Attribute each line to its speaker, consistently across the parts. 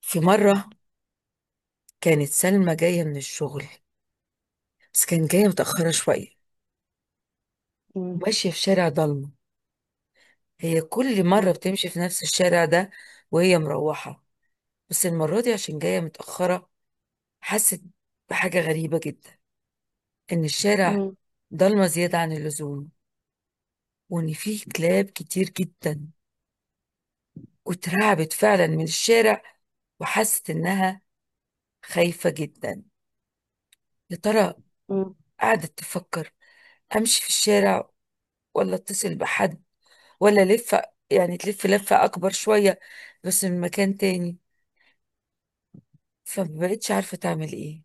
Speaker 1: في مرة كانت سلمى جاية من الشغل، بس كانت جاية متأخرة شوية،
Speaker 2: مم.
Speaker 1: وماشية في شارع ضلمة. هي كل
Speaker 2: مم.
Speaker 1: مرة بتمشي في نفس الشارع ده وهي مروحة، بس المرة دي عشان جاية متأخرة حست بحاجة غريبة جدا. إن الشارع
Speaker 2: مم.
Speaker 1: ضلمة زيادة عن اللزوم، وإن فيه كلاب كتير جدا، واترعبت فعلا من الشارع، وحست إنها خايفة جدا. يا ترى
Speaker 2: مم.
Speaker 1: قعدت تفكر، أمشي في الشارع ولا أتصل بحد ولا لفة، يعني تلف لفة أكبر شوية بس من مكان تاني. فمبقتش عارفة تعمل إيه.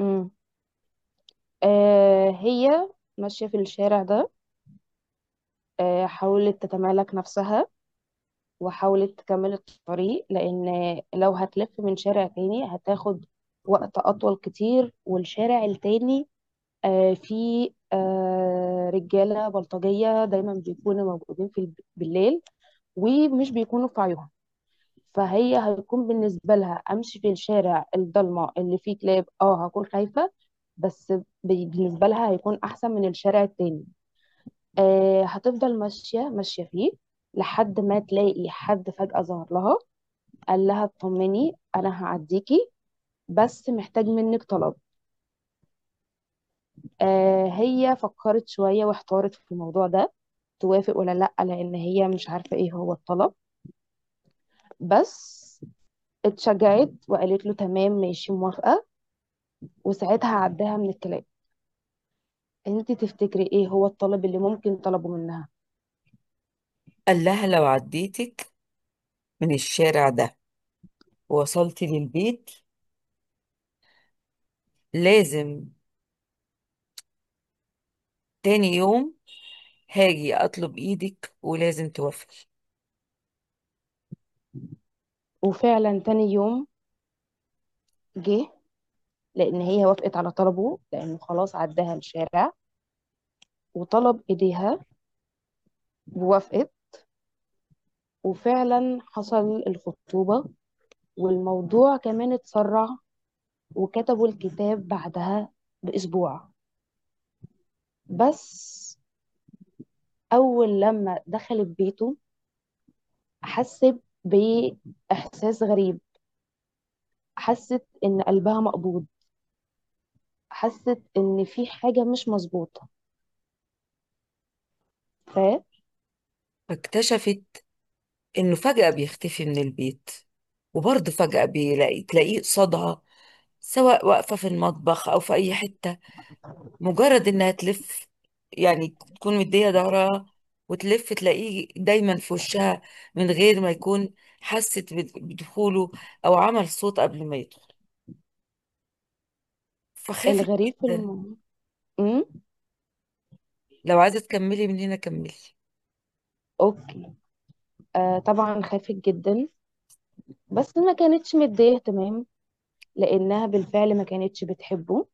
Speaker 2: مم. هي ماشية في الشارع ده. حاولت تتمالك نفسها وحاولت تكمل الطريق، لأن لو هتلف من شارع تاني هتاخد وقت أطول كتير. والشارع التاني فيه رجالة بلطجية دايما بيكونوا موجودين في بالليل، ومش بيكونوا في عيون. فهي هيكون بالنسبة لها أمشي في الشارع الضلمة اللي فيه كلاب، هكون خايفة، بس بالنسبة لها هيكون أحسن من الشارع التاني. هتفضل ماشية ماشية فيه لحد ما تلاقي حد فجأة ظهر لها، قال لها اطمني أنا هعديكي، بس محتاج منك طلب. هي فكرت شوية واحتارت في الموضوع ده، توافق ولا لأ، لأن هي مش عارفة ايه هو الطلب. بس اتشجعت وقالت له تمام ماشي موافقة، وساعتها عداها من الكلام. انت تفتكري ايه هو الطلب اللي ممكن طلبه منها؟
Speaker 1: قال لها لو عديتك من الشارع ده ووصلتي للبيت، لازم تاني يوم هاجي أطلب إيدك ولازم توافقي.
Speaker 2: وفعلا تاني يوم جه، لان هي وافقت على طلبه لانه خلاص عداها الشارع، وطلب ايديها ووافقت. وفعلا حصل الخطوبة، والموضوع كمان اتسرع، وكتبوا الكتاب بعدها بأسبوع. بس أول لما دخلت بيته حست بإحساس غريب، حست إن قلبها مقبوض، حست ان في حاجه مش مظبوطه.
Speaker 1: فاكتشفت إنه فجأة بيختفي من البيت، وبرضه فجأة تلاقيه قصادها، سواء واقفة في المطبخ أو في أي حتة. مجرد انها تلف، يعني تكون مدية ظهرها وتلف تلاقيه دايما في وشها، من غير ما يكون حست بدخوله او عمل صوت قبل ما يدخل. فخافت
Speaker 2: فالغريب في
Speaker 1: جدا.
Speaker 2: الموضوع امم
Speaker 1: لو عايزة تكملي من هنا كملي.
Speaker 2: اوكي. طبعا خافت جدا، بس ما كانتش مديه تمام، لانها بالفعل ما كانتش بتحبه.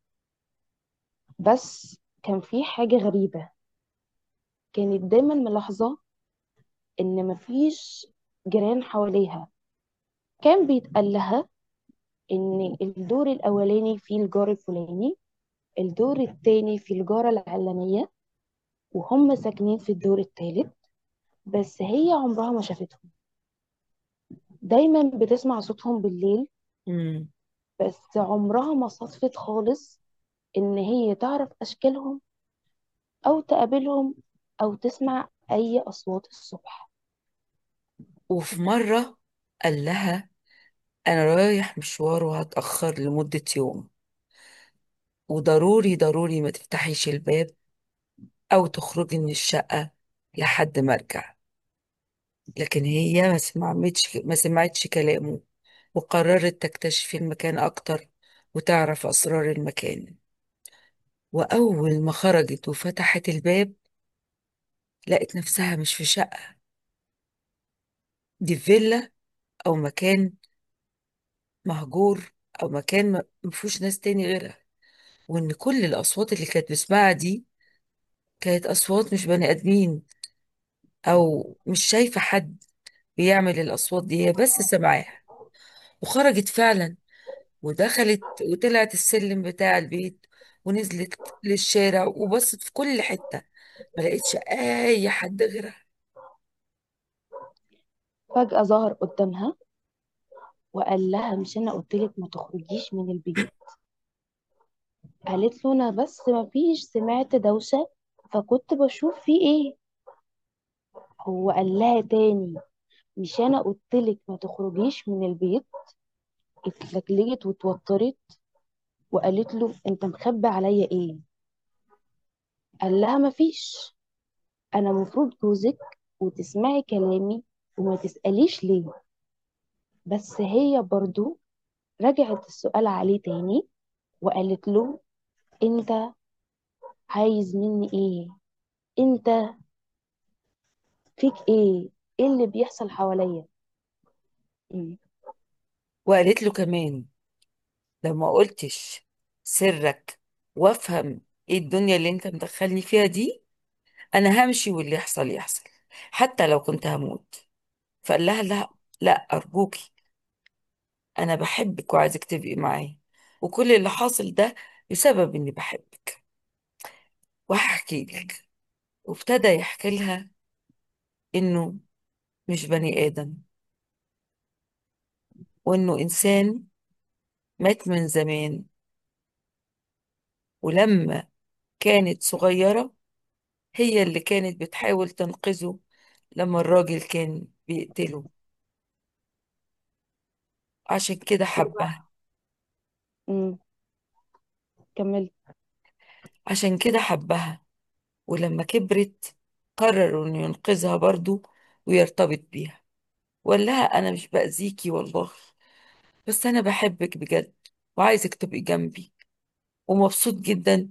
Speaker 2: بس كان في حاجه غريبه، كانت دايما ملاحظه ان مفيش جيران حواليها. كان بيتقال لها ان الدور الاولاني فيه الجار الفلاني، الدور التاني فيه الجاره العلانيه، وهم ساكنين في الدور التالت. بس هي عمرها ما شافتهم، دايما بتسمع صوتهم بالليل،
Speaker 1: امم
Speaker 2: بس عمرها ما صدفت خالص ان هي تعرف اشكالهم او تقابلهم او تسمع اي اصوات الصبح.
Speaker 1: وفي مرة قال لها انا رايح مشوار وهتأخر لمدة يوم، وضروري ضروري ما تفتحيش الباب او تخرجي من الشقة لحد ما ارجع. لكن هي ما سمعتش كلامه، وقررت تكتشف المكان أكتر وتعرف أسرار المكان. وأول ما خرجت وفتحت الباب، لقت نفسها مش في شقة، دي في فيلا أو مكان مهجور، أو مكان ما فيهوش ناس تاني غيرها. وإن كل الأصوات اللي كانت بتسمعها دي كانت أصوات مش بني آدمين، أو مش شايفة حد بيعمل الأصوات دي، هي بس سمعاها. وخرجت فعلا ودخلت وطلعت السلم بتاع البيت، ونزلت للشارع وبصت في كل حتة، ما لقيتش اي حد غيرها.
Speaker 2: فجأة ظهر قدامها وقال لها مش انا قلتلك ما تخرجيش من البيت. قالت له انا بس ما فيش سمعت دوشة فكنت بشوف في ايه. هو قال لها تاني مش انا قلتلك ما تخرجيش من البيت. اتلجلجت وتوترت وقالت له انت مخبي عليا ايه؟ قال لها مفيش، انا مفروض جوزك وتسمعي كلامي وما تسأليش ليه. بس هي برضو رجعت السؤال عليه تاني، وقالت له انت عايز مني ايه؟ انت فيك ايه؟ ايه اللي بيحصل حواليا؟ مم.
Speaker 1: وقالت له كمان، لو ما قلتش سرك وافهم ايه الدنيا اللي انت مدخلني فيها دي، انا همشي واللي يحصل يحصل، حتى لو كنت هموت. فقال لها لا، لا ارجوكي، انا بحبك وعايزك تبقي معايا، وكل اللي حاصل ده بسبب اني بحبك. وهحكي لك. وابتدى يحكي لها انه مش بني ادم، وانه انسان مات من زمان، ولما كانت صغيرة هي اللي كانت بتحاول تنقذه لما الراجل كان بيقتله، عشان كده حبها.
Speaker 2: وبقى- مم. كملت.
Speaker 1: عشان كده حبها ولما كبرت قرروا انه ينقذها برضه ويرتبط بيها. وقال لها انا مش باذيكي والله، بس انا بحبك بجد وعايزك تبقي جنبي، ومبسوط جدا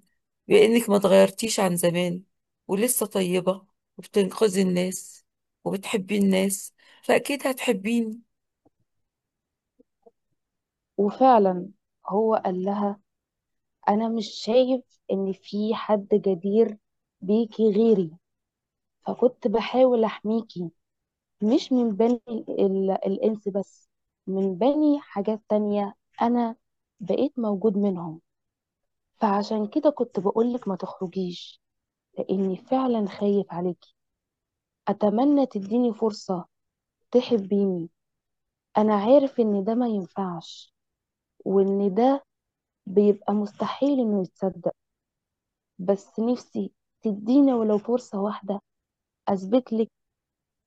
Speaker 1: بانك ما اتغيرتيش عن زمان، ولسه طيبة وبتنقذي الناس وبتحبي الناس، فاكيد هتحبيني.
Speaker 2: وفعلا هو قال لها انا مش شايف ان في حد جدير بيكي غيري، فكنت بحاول احميكي، مش من بني الإنس بس، من بني حاجات تانية. أنا بقيت موجود منهم، فعشان كده كنت بقولك ما تخرجيش لأني فعلا خايف عليكي. أتمنى تديني فرصة تحبيني. أنا عارف إن ده ما ينفعش، وإن ده بيبقى مستحيل إنه يتصدق، بس نفسي تديني ولو فرصة واحدة أثبت لك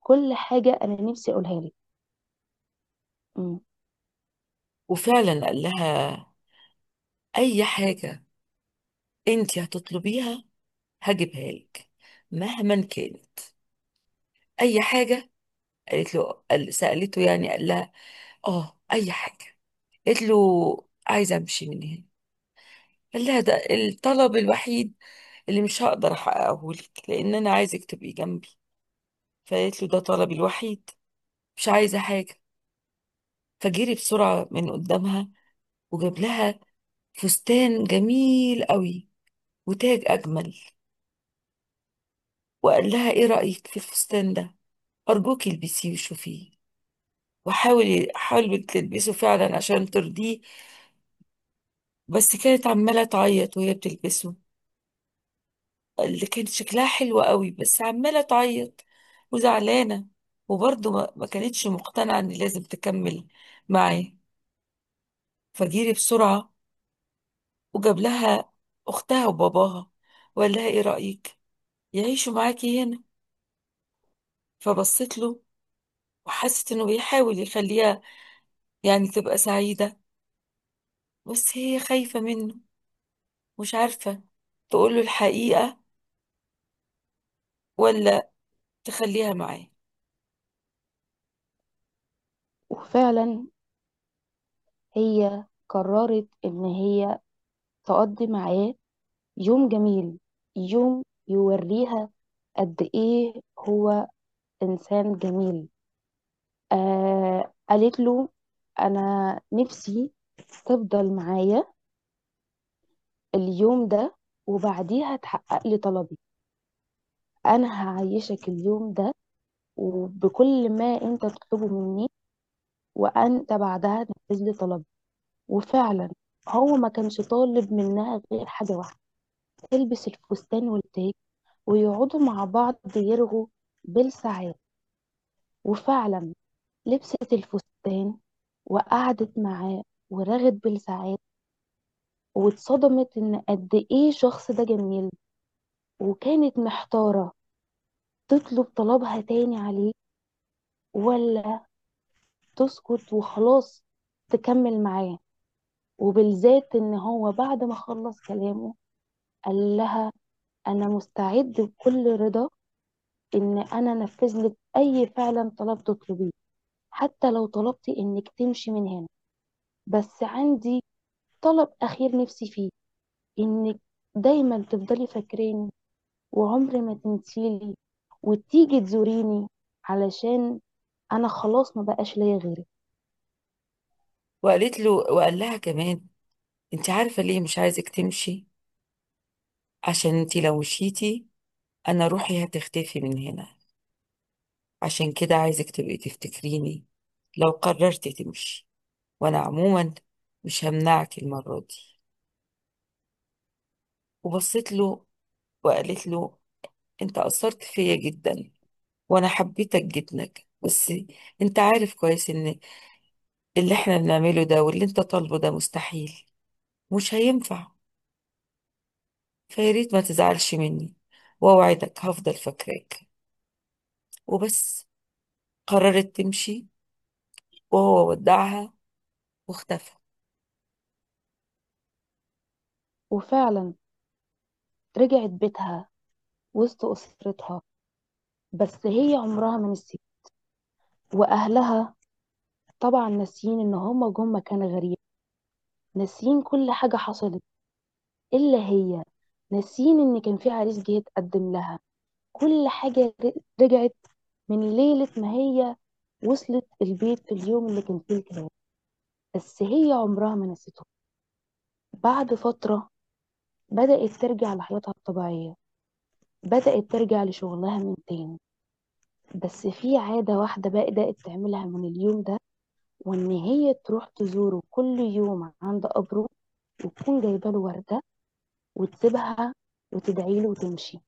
Speaker 2: كل حاجة أنا نفسي أقولها لك. أمم.
Speaker 1: وفعلا قال لها اي حاجة انت هتطلبيها هجيبها لك، مهما كانت، اي حاجه. قالت له، سالته، يعني قال لها اه اي حاجه، قالت له عايزه امشي من هنا. قال لها ده الطلب الوحيد اللي مش هقدر احققه لك، لان انا عايزك تبقي جنبي. فقالت له ده طلبي الوحيد، مش عايزه حاجه. فجري بسرعه من قدامها وجاب لها فستان جميل قوي وتاج اجمل، وقال لها ايه رايك في الفستان ده، ارجوك البسيه وشوفيه. وحاول تلبسه فعلا عشان ترضيه، بس كانت عمالة تعيط وهي بتلبسه، اللي كانت شكلها حلو قوي بس عمالة تعيط وزعلانة، وبرضه ما كانتش مقتنعة ان لازم تكمل معاه. فجيري بسرعة وجاب لها أختها وباباها، وقال لها ايه رأيك يعيشوا معاكي هنا. فبصت له وحست انه بيحاول يخليها يعني تبقى سعيدة، بس هي خايفة منه، مش عارفة تقول له الحقيقة ولا تخليها معاه.
Speaker 2: وفعلا هي قررت إن هي تقضي معاه يوم جميل، يوم يوريها قد ايه هو انسان جميل. قالت له انا نفسي تفضل معايا اليوم ده، وبعديها تحقق لي طلبي. انا هعيشك اليوم ده وبكل ما انت تطلبه مني، وانت بعدها تنفذ لي طلبي. وفعلا هو ما كانش طالب منها غير حاجه واحده، تلبس الفستان والتاج ويقعدوا مع بعض يرغوا بالساعات. وفعلا لبست الفستان وقعدت معاه ورغت بالساعات، واتصدمت ان قد ايه الشخص ده جميل. وكانت محتارة تطلب طلبها تاني عليه، ولا تسكت وخلاص تكمل معاه، وبالذات ان هو بعد ما خلص كلامه قال لها انا مستعد بكل رضا ان انا انفذ لك اي فعلا طلب تطلبيه، حتى لو طلبتي انك تمشي من هنا، بس عندي طلب اخير نفسي فيه، انك دايما تفضلي فاكراني وعمري ما تنسيلي وتيجي تزوريني، علشان انا خلاص ما بقاش ليا غيرك.
Speaker 1: وقالت له، وقال لها كمان، انت عارفة ليه مش عايزك تمشي؟ عشان انت لو مشيتي انا روحي هتختفي من هنا، عشان كده عايزك تبقي تفتكريني لو قررت تمشي، وانا عموما مش همنعك المرة دي. وبصيت له وقالت له انت اثرت فيا جدا، وانا حبيتك جدا، بس انت عارف كويس ان اللي احنا بنعمله ده واللي انت طالبه ده مستحيل، مش هينفع، فياريت ما تزعلش مني، وأوعدك هفضل فاكراك. وبس قررت تمشي، وهو ودعها واختفى.
Speaker 2: وفعلا رجعت بيتها وسط اسرتها، بس هي عمرها ما نسيت. واهلها طبعا ناسيين ان هما جم مكان غريب، ناسيين كل حاجه حصلت الا هي، ناسيين ان كان في عريس جه يتقدم لها. كل حاجه رجعت من ليلة ما هي وصلت البيت في اليوم اللي كان فيه الكلاب، بس هي عمرها ما نسيته. بعد فترة بدأت ترجع لحياتها الطبيعية، بدأت ترجع لشغلها من تاني، بس في عادة واحدة بقى بدأت تعملها من اليوم ده، وإن هي تروح تزوره كل يوم عند قبره، وتكون جايبة له وردة وتسيبها وتدعي له وتمشي.